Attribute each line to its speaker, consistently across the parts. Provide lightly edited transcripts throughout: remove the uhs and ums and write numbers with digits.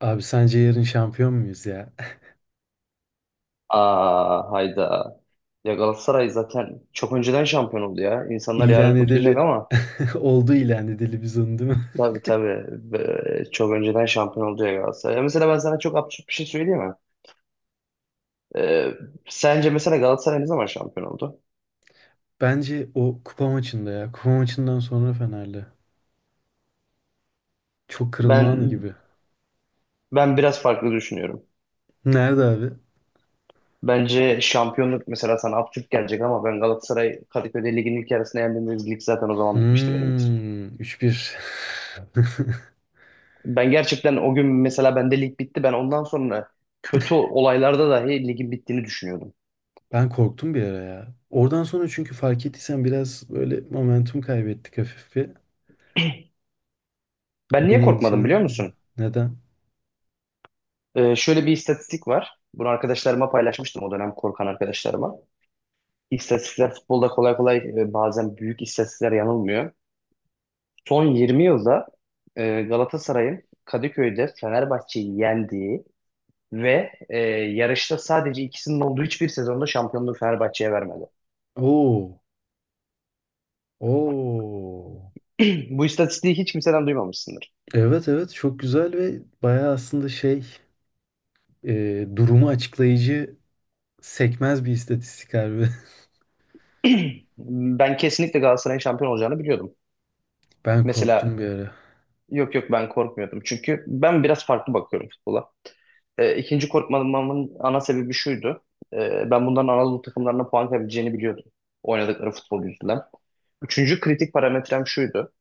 Speaker 1: Abi sence yarın şampiyon muyuz ya?
Speaker 2: Aa, hayda. Ya Galatasaray zaten çok önceden şampiyon oldu ya. İnsanlar
Speaker 1: İlan
Speaker 2: yarın kutlayacak
Speaker 1: edeli
Speaker 2: ama
Speaker 1: oldu ilan edeli biz onu, değil mi?
Speaker 2: tabii tabii. Çok önceden şampiyon oldu ya Galatasaray. Ya mesela ben sana çok absürt bir şey söyleyeyim mi? Ee, Sence mesela Galatasaray ne zaman şampiyon oldu?
Speaker 1: Bence o kupa maçında ya. Kupa maçından sonra Fener'le. Çok kırılma anı
Speaker 2: Ben
Speaker 1: gibi.
Speaker 2: ben biraz farklı düşünüyorum.
Speaker 1: Nerede abi?
Speaker 2: Bence şampiyonluk mesela sana absürt gelecek ama ben Galatasaray Kadıköy'de ligin ilk yarısına yendiğimiz lig zaten o zaman bitmişti benim için.
Speaker 1: Hmm, 3-1.
Speaker 2: Ben gerçekten o gün mesela bende lig bitti. Ben ondan sonra kötü olaylarda dahi ligin bittiğini düşünüyordum.
Speaker 1: Ben korktum bir ara ya. Oradan sonra çünkü fark ettiysen biraz böyle momentum kaybettik hafif bir.
Speaker 2: Ben
Speaker 1: O
Speaker 2: niye
Speaker 1: beni
Speaker 2: korkmadım biliyor
Speaker 1: endişelendirdi.
Speaker 2: musun?
Speaker 1: Neden?
Speaker 2: Şöyle bir istatistik var. Bunu arkadaşlarıma paylaşmıştım o dönem korkan arkadaşlarıma. İstatistikler futbolda kolay kolay bazen büyük istatistikler yanılmıyor. Son 20 yılda Galatasaray'ın Kadıköy'de Fenerbahçe'yi yendiği ve yarışta sadece ikisinin olduğu hiçbir sezonda şampiyonluğu Fenerbahçe'ye vermedi.
Speaker 1: Oo. Oo.
Speaker 2: Bu istatistiği hiç kimseden duymamışsındır.
Speaker 1: Evet, evet, çok güzel ve bayağı aslında şey, durumu açıklayıcı. Sekmez bir istatistik harbi.
Speaker 2: Ben kesinlikle Galatasaray'ın şampiyon olacağını biliyordum.
Speaker 1: Ben
Speaker 2: Mesela
Speaker 1: korktum bir ara.
Speaker 2: yok yok, ben korkmuyordum. Çünkü ben biraz farklı bakıyorum futbola. İkinci korkmamın ana sebebi şuydu. Ben bunların Anadolu takımlarına puan kaybedeceğini biliyordum. Oynadıkları futbol yüzünden. Üçüncü kritik parametrem şuydu.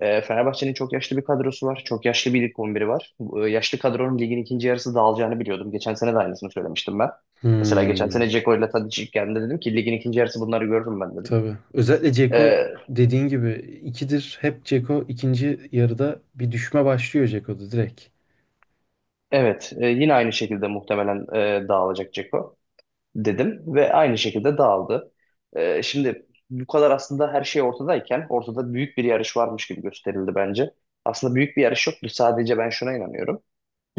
Speaker 2: Fenerbahçe'nin çok yaşlı bir kadrosu var. Çok yaşlı bir lig 11'i var. Bu, yaşlı kadronun ligin ikinci yarısı dağılacağını biliyordum. Geçen sene de aynısını söylemiştim ben. Mesela geçen sene
Speaker 1: Hmm,
Speaker 2: Dzeko ile Tadic ilk geldiğinde dedim ki ligin ikinci yarısı bunları görürüm ben dedim.
Speaker 1: tabii. Özellikle Ceko
Speaker 2: E,
Speaker 1: dediğin gibi ikidir. Hep Ceko ikinci yarıda bir düşme başlıyor Ceko'da direkt.
Speaker 2: evet, yine aynı şekilde muhtemelen dağılacak Dzeko, dedim ve aynı şekilde dağıldı. Şimdi bu kadar aslında her şey ortadayken ortada büyük bir yarış varmış gibi gösterildi bence. Aslında büyük bir yarış yoktu. Sadece ben şuna inanıyorum.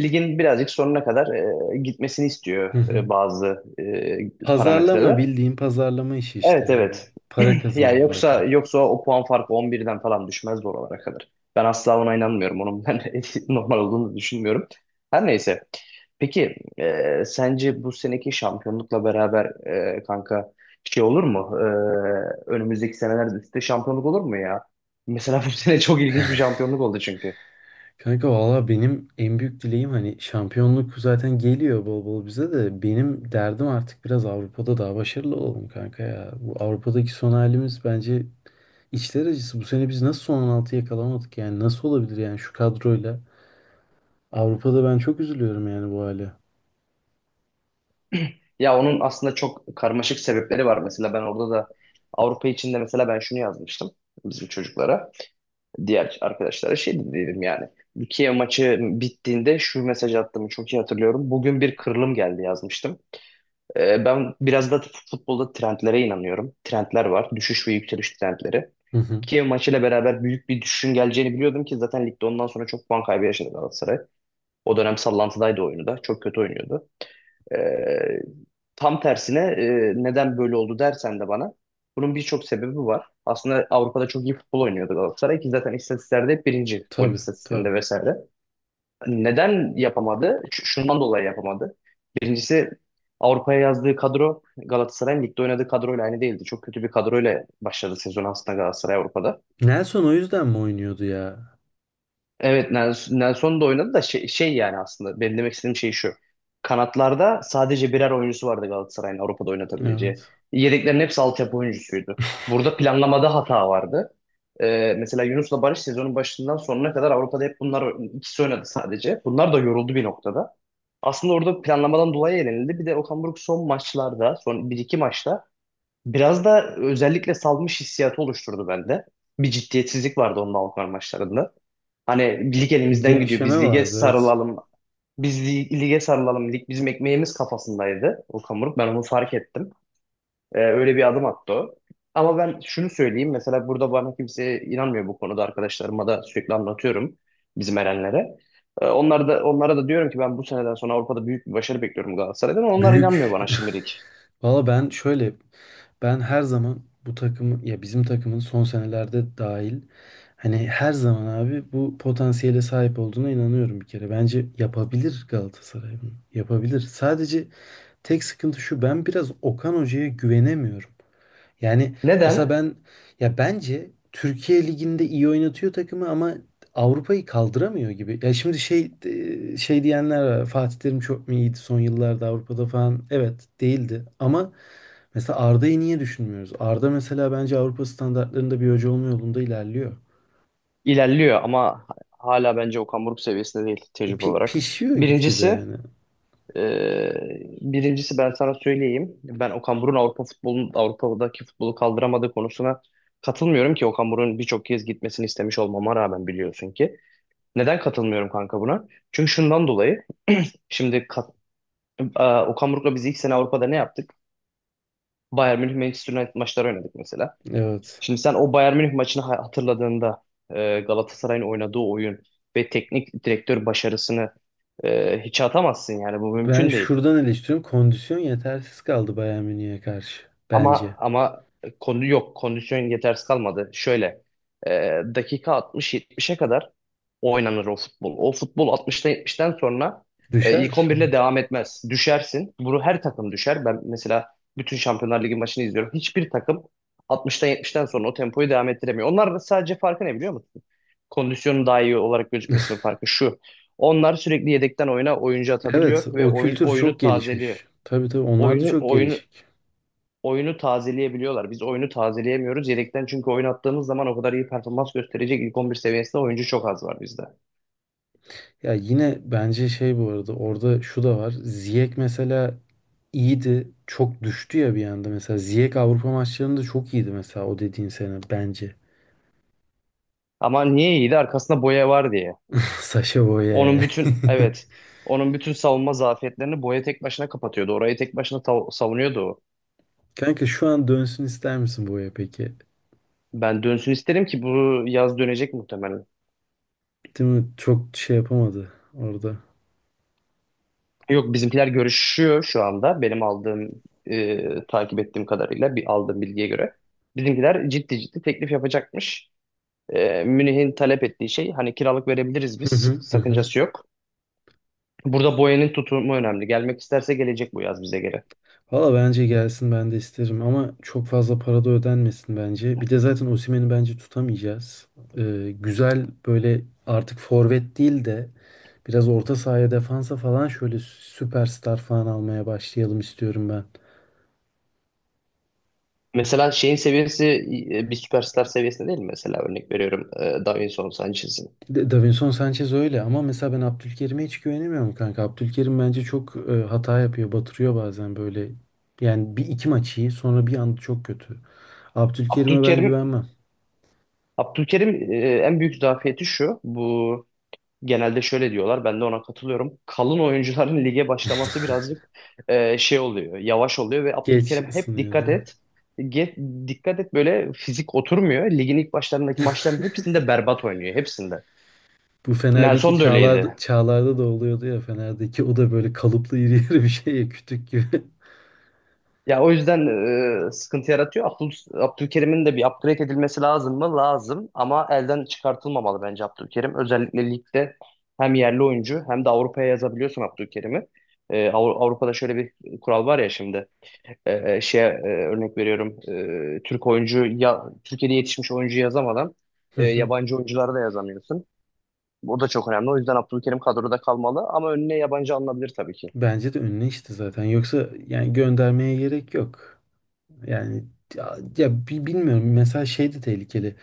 Speaker 2: Ligin birazcık sonuna kadar gitmesini
Speaker 1: Hı
Speaker 2: istiyor
Speaker 1: hı.
Speaker 2: bazı
Speaker 1: Pazarlama,
Speaker 2: parametreler.
Speaker 1: bildiğin pazarlama işi işte
Speaker 2: Evet
Speaker 1: yani.
Speaker 2: evet.
Speaker 1: Para
Speaker 2: Yani
Speaker 1: kazanıyorlar
Speaker 2: yoksa
Speaker 1: sonuçta.
Speaker 2: yoksa o puan farkı 11'den falan düşmezdi oralara kadar. Ben asla ona inanmıyorum. Onun ben normal olduğunu düşünmüyorum. Her neyse. Peki sence bu seneki şampiyonlukla beraber kanka şey olur mu? Önümüzdeki senelerde üstte şampiyonluk olur mu ya? Mesela bu sene çok ilginç bir şampiyonluk oldu çünkü.
Speaker 1: Kanka valla benim en büyük dileğim hani şampiyonluk zaten geliyor bol bol bize de, benim derdim artık biraz Avrupa'da daha başarılı olalım kanka ya. Bu Avrupa'daki son halimiz bence içler acısı. Bu sene biz nasıl son 16 yakalamadık yani, nasıl olabilir yani şu kadroyla. Avrupa'da ben çok üzülüyorum yani bu hale.
Speaker 2: Ya onun aslında çok karmaşık sebepleri var. Mesela ben orada da Avrupa içinde mesela ben şunu yazmıştım bizim çocuklara, diğer arkadaşlara şey dedim yani. Bu Kiev maçı bittiğinde şu mesajı attığımı çok iyi hatırlıyorum. Bugün bir kırılım geldi yazmıştım. Ben biraz da futbolda trendlere inanıyorum. Trendler var. Düşüş ve yükseliş trendleri.
Speaker 1: Hı hı.
Speaker 2: Kiev maçıyla beraber büyük bir düşüşün geleceğini biliyordum ki zaten ligde ondan sonra çok puan kaybı yaşadı Galatasaray. O dönem sallantıdaydı oyunu da. Çok kötü oynuyordu. Ee, Tam tersine neden böyle oldu dersen de bana bunun birçok sebebi var. Aslında Avrupa'da çok iyi futbol oynuyordu Galatasaray ki zaten istatistiklerde hep birinci, gol
Speaker 1: Tabii tabii.
Speaker 2: istatistiğinde vesaire. Neden yapamadı? Şundan dolayı yapamadı. Birincisi, Avrupa'ya yazdığı kadro Galatasaray'ın ligde oynadığı kadroyla aynı değildi. Çok kötü bir kadroyla başladı sezon aslında Galatasaray Avrupa'da.
Speaker 1: Nelson o yüzden mi oynuyordu ya?
Speaker 2: Evet Nelson da oynadı da şey yani aslında benim demek istediğim şey şu. Kanatlarda sadece birer oyuncusu vardı Galatasaray'ın Avrupa'da oynatabileceği.
Speaker 1: Evet.
Speaker 2: Yedeklerin hepsi altyapı oyuncusuydu. Burada planlamada hata vardı. Mesela Yunus'la Barış sezonun başından sonuna kadar Avrupa'da hep bunlar ikisi oynadı sadece. Bunlar da yoruldu bir noktada. Aslında orada planlamadan dolayı elenildi. Bir de Okan Buruk son maçlarda, son bir iki maçta biraz da özellikle salmış hissiyatı oluşturdu bende. Bir ciddiyetsizlik vardı onun Avrupa maçlarında. Hani lig
Speaker 1: Bir
Speaker 2: elimizden gidiyor.
Speaker 1: gevşeme
Speaker 2: Biz lige
Speaker 1: vardı, evet.
Speaker 2: sarılalım. Biz lige sarılalım. Lig bizim ekmeğimiz kafasındaydı Okan Buruk. Ben onu fark ettim. Öyle bir adım attı o. Ama ben şunu söyleyeyim. Mesela burada bana kimse inanmıyor bu konuda. Arkadaşlarıma da sürekli anlatıyorum. Bizim erenlere. Onlar da, onlara da diyorum ki ben bu seneden sonra Avrupa'da büyük bir başarı bekliyorum Galatasaray'dan. Onlar inanmıyor
Speaker 1: Büyük
Speaker 2: bana şimdilik.
Speaker 1: Valla ben şöyle, ben her zaman bu takımı, ya bizim takımın son senelerde dahil, hani her zaman abi bu potansiyele sahip olduğuna inanıyorum bir kere. Bence yapabilir Galatasaray bunu. Yapabilir. Sadece tek sıkıntı şu, ben biraz Okan Hoca'ya güvenemiyorum. Yani mesela
Speaker 2: Neden?
Speaker 1: ben, ya bence Türkiye Ligi'nde iyi oynatıyor takımı ama Avrupa'yı kaldıramıyor gibi. Ya şimdi şey, şey diyenler var. Fatih Terim çok mu iyiydi son yıllarda Avrupa'da falan? Evet, değildi ama mesela Arda'yı niye düşünmüyoruz? Arda mesela bence Avrupa standartlarında bir hoca olma yolunda ilerliyor.
Speaker 2: İlerliyor ama hala bence Okan Buruk seviyesinde değil tecrübe olarak.
Speaker 1: Pişiyor gitgide
Speaker 2: Birincisi
Speaker 1: yani.
Speaker 2: Ee, Birincisi, ben sana söyleyeyim. Ben Okan Buruk'un Avrupa futbolun Avrupa'daki futbolu kaldıramadığı konusuna katılmıyorum ki Okan Buruk'un birçok kez gitmesini istemiş olmama rağmen, biliyorsun ki. Neden katılmıyorum kanka buna? Çünkü şundan dolayı, şimdi Okan Buruk'la biz ilk sene Avrupa'da ne yaptık? Bayern Münih, Manchester United maçları oynadık mesela.
Speaker 1: Evet.
Speaker 2: Şimdi sen o Bayern Münih maçını hatırladığında Galatasaray'ın oynadığı oyun ve teknik direktör başarısını hiçe atamazsın, yani bu
Speaker 1: Ben
Speaker 2: mümkün değil.
Speaker 1: şuradan eleştiriyorum. Kondisyon yetersiz kaldı Bayern Münih'e karşı.
Speaker 2: Ama
Speaker 1: Bence.
Speaker 2: ama konu yok. Kondisyon yetersiz kalmadı. Şöyle, e, dakika 60-70'e kadar oynanır o futbol. O futbol 60'tan 70'ten sonra ilk
Speaker 1: Düşer.
Speaker 2: 11 ile devam etmez. Düşersin. Bunu her takım düşer. Ben mesela bütün Şampiyonlar Ligi maçını izliyorum. Hiçbir takım 60'tan 70'ten sonra o tempoyu devam ettiremiyor. Onlar da sadece farkı ne biliyor musun? Kondisyonun daha iyi olarak gözükmesinin farkı şu: onlar sürekli yedekten oyuna oyuncu
Speaker 1: Evet,
Speaker 2: atabiliyor ve
Speaker 1: o
Speaker 2: oyun,
Speaker 1: kültür
Speaker 2: oyunu
Speaker 1: çok
Speaker 2: tazeliyor.
Speaker 1: gelişmiş. Tabii tabii onlar da
Speaker 2: Oyunu,
Speaker 1: çok
Speaker 2: oyunu
Speaker 1: gelişik.
Speaker 2: oyunu tazeleyebiliyorlar. Biz oyunu tazeleyemiyoruz. Yedekten çünkü oynattığımız zaman o kadar iyi performans gösterecek ilk 11 seviyesinde oyuncu çok az var bizde.
Speaker 1: Ya yine bence şey, bu arada orada şu da var. Ziyech mesela iyiydi. Çok düştü ya bir anda mesela. Ziyech Avrupa maçlarında çok iyiydi mesela o dediğin sene bence.
Speaker 2: Ama niye iyiydi? Arkasında Boya var diye.
Speaker 1: Saşa Boye.
Speaker 2: Onun bütün evet onun bütün savunma zafiyetlerini Boya tek başına kapatıyordu. Orayı tek başına savunuyordu o.
Speaker 1: Kanka şu an dönsün ister misin Boye peki?
Speaker 2: Ben dönsün isterim ki bu yaz dönecek muhtemelen.
Speaker 1: Değil mi? Çok şey yapamadı orada.
Speaker 2: Yok, bizimkiler görüşüyor şu anda. Benim aldığım, takip ettiğim kadarıyla, bir aldığım bilgiye göre bizimkiler ciddi ciddi teklif yapacakmış. Münih'in talep ettiği şey hani kiralık verebiliriz biz,
Speaker 1: Hı hı hı. Hı.
Speaker 2: sakıncası yok. Burada Boyan'ın tutumu önemli. Gelmek isterse gelecek bu yaz bize göre.
Speaker 1: Valla bence gelsin, ben de isterim ama çok fazla para da ödenmesin bence. Bir de zaten Osimhen'i bence tutamayacağız. Güzel böyle artık forvet değil de biraz orta sahaya, defansa falan şöyle süperstar falan almaya başlayalım istiyorum ben.
Speaker 2: Mesela şeyin seviyesi bir süperstar seviyesinde değil mi? Mesela örnek veriyorum Davinson Sanchez'in.
Speaker 1: Davinson Sanchez öyle ama mesela ben Abdülkerim'e hiç güvenemiyorum kanka. Abdülkerim bence çok hata yapıyor, batırıyor bazen böyle. Yani bir iki maç iyi, sonra bir anda çok kötü. Abdülkerim'e ben
Speaker 2: Abdülkerim,
Speaker 1: güvenmem.
Speaker 2: Abdülkerim en büyük zafiyeti şu. Bu genelde şöyle diyorlar. Ben de ona katılıyorum. Kalın oyuncuların lige başlaması birazcık şey oluyor. Yavaş oluyor ve
Speaker 1: Geç
Speaker 2: Abdülkerim hep, dikkat
Speaker 1: ısınıyordu.
Speaker 2: et. Dikkat et böyle fizik oturmuyor. Ligin ilk başlarındaki maçların hepsinde berbat oynuyor. Hepsinde.
Speaker 1: Bu Fener'deki
Speaker 2: Nelson da
Speaker 1: Çağlar'da,
Speaker 2: öyleydi.
Speaker 1: Çağlar'da da oluyordu ya Fener'deki, o da böyle kalıplı iri yarı bir şey ya, kütük gibi.
Speaker 2: Ya o yüzden sıkıntı yaratıyor. Abdülkerim'in de bir upgrade edilmesi lazım mı? Lazım. Ama elden çıkartılmamalı bence Abdülkerim. Özellikle ligde hem yerli oyuncu hem de Avrupa'ya yazabiliyorsun Abdülkerim'i. Avrupa'da şöyle bir kural var ya şimdi. Şeye, örnek veriyorum, Türk oyuncu ya Türkiye'de yetişmiş oyuncu yazamadan
Speaker 1: Hı hı.
Speaker 2: yabancı oyuncuları da yazamıyorsun. Bu da çok önemli. O yüzden Abdülkerim kadroda kalmalı ama önüne yabancı alınabilir tabii ki.
Speaker 1: Bence de önüne işte zaten. Yoksa yani göndermeye gerek yok. Yani ya, ya bilmiyorum. Mesela şey de tehlikeli.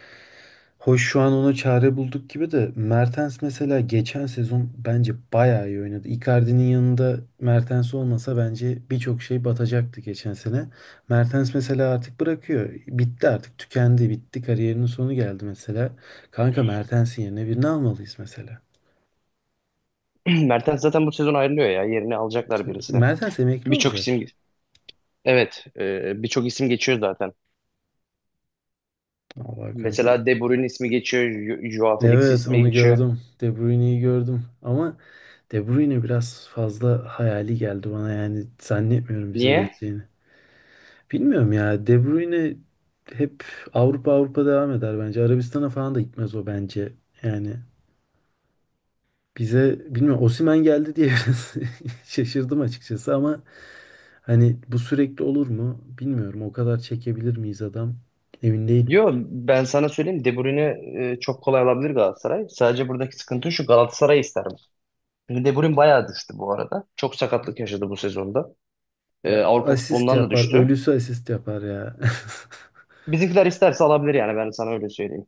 Speaker 1: Hoş şu an ona çare bulduk gibi de, Mertens mesela geçen sezon bence bayağı iyi oynadı. Icardi'nin yanında Mertens olmasa bence birçok şey batacaktı geçen sene. Mertens mesela artık bırakıyor. Bitti artık, tükendi, bitti. Kariyerinin sonu geldi mesela. Kanka, Mertens'in yerine birini almalıyız mesela.
Speaker 2: Mertens zaten bu sezon ayrılıyor ya, yerini alacaklar birisi.
Speaker 1: Mertens emekli
Speaker 2: Birçok
Speaker 1: olacak.
Speaker 2: isim evet e, birçok isim geçiyor zaten.
Speaker 1: Allah kanka.
Speaker 2: Mesela De Bruyne ismi geçiyor. Joao Felix
Speaker 1: Evet,
Speaker 2: ismi
Speaker 1: onu
Speaker 2: geçiyor.
Speaker 1: gördüm. De Bruyne'yi gördüm. Ama De Bruyne biraz fazla hayali geldi bana, yani zannetmiyorum bize
Speaker 2: Niye?
Speaker 1: geleceğini. Bilmiyorum ya. De Bruyne hep Avrupa, Avrupa devam eder bence. Arabistan'a falan da gitmez o bence. Yani bize bilmiyorum, Osimhen geldi diye biraz şaşırdım açıkçası ama hani bu sürekli olur mu bilmiyorum. O kadar çekebilir miyiz adam? Emin değilim.
Speaker 2: Yo, ben sana söyleyeyim, De Bruyne çok kolay alabilir Galatasaray. Sadece buradaki sıkıntı şu: Galatasaray ister. Şimdi De Bruyne bayağı düştü bu arada. Çok sakatlık yaşadı bu sezonda.
Speaker 1: Ya
Speaker 2: Avrupa
Speaker 1: asist
Speaker 2: futbolundan da
Speaker 1: yapar,
Speaker 2: düştü.
Speaker 1: ölüsü asist yapar ya.
Speaker 2: Bizimkiler isterse alabilir yani, ben sana öyle söyleyeyim.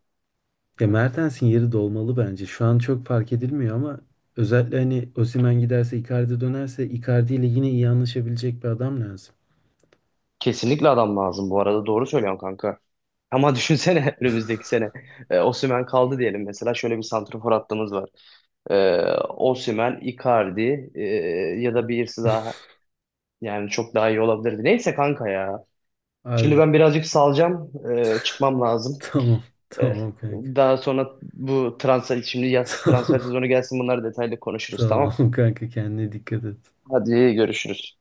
Speaker 1: Ya Mertens'in yeri dolmalı bence. Şu an çok fark edilmiyor ama özellikle hani Osimhen giderse, Icardi dönerse, Icardi ile yine iyi anlaşabilecek bir adam lazım.
Speaker 2: Kesinlikle adam lazım bu arada. Doğru söylüyorsun kanka. Ama düşünsene önümüzdeki sene Osimhen kaldı diyelim, mesela şöyle bir santrafor hattımız var: Ee, Osimhen, Icardi, ya da birisi daha, yani çok daha iyi olabilirdi. Neyse kanka ya. Şimdi
Speaker 1: Harbi.
Speaker 2: ben birazcık salacağım. Çıkmam lazım.
Speaker 1: Tamam.
Speaker 2: Ee,
Speaker 1: Tamam kanka.
Speaker 2: Daha sonra bu transfer, şimdi yaz transfer
Speaker 1: Tamam.
Speaker 2: sezonu gelsin, bunları detaylı konuşuruz, tamam.
Speaker 1: Tamam kanka, kendine dikkat et.
Speaker 2: Hadi görüşürüz.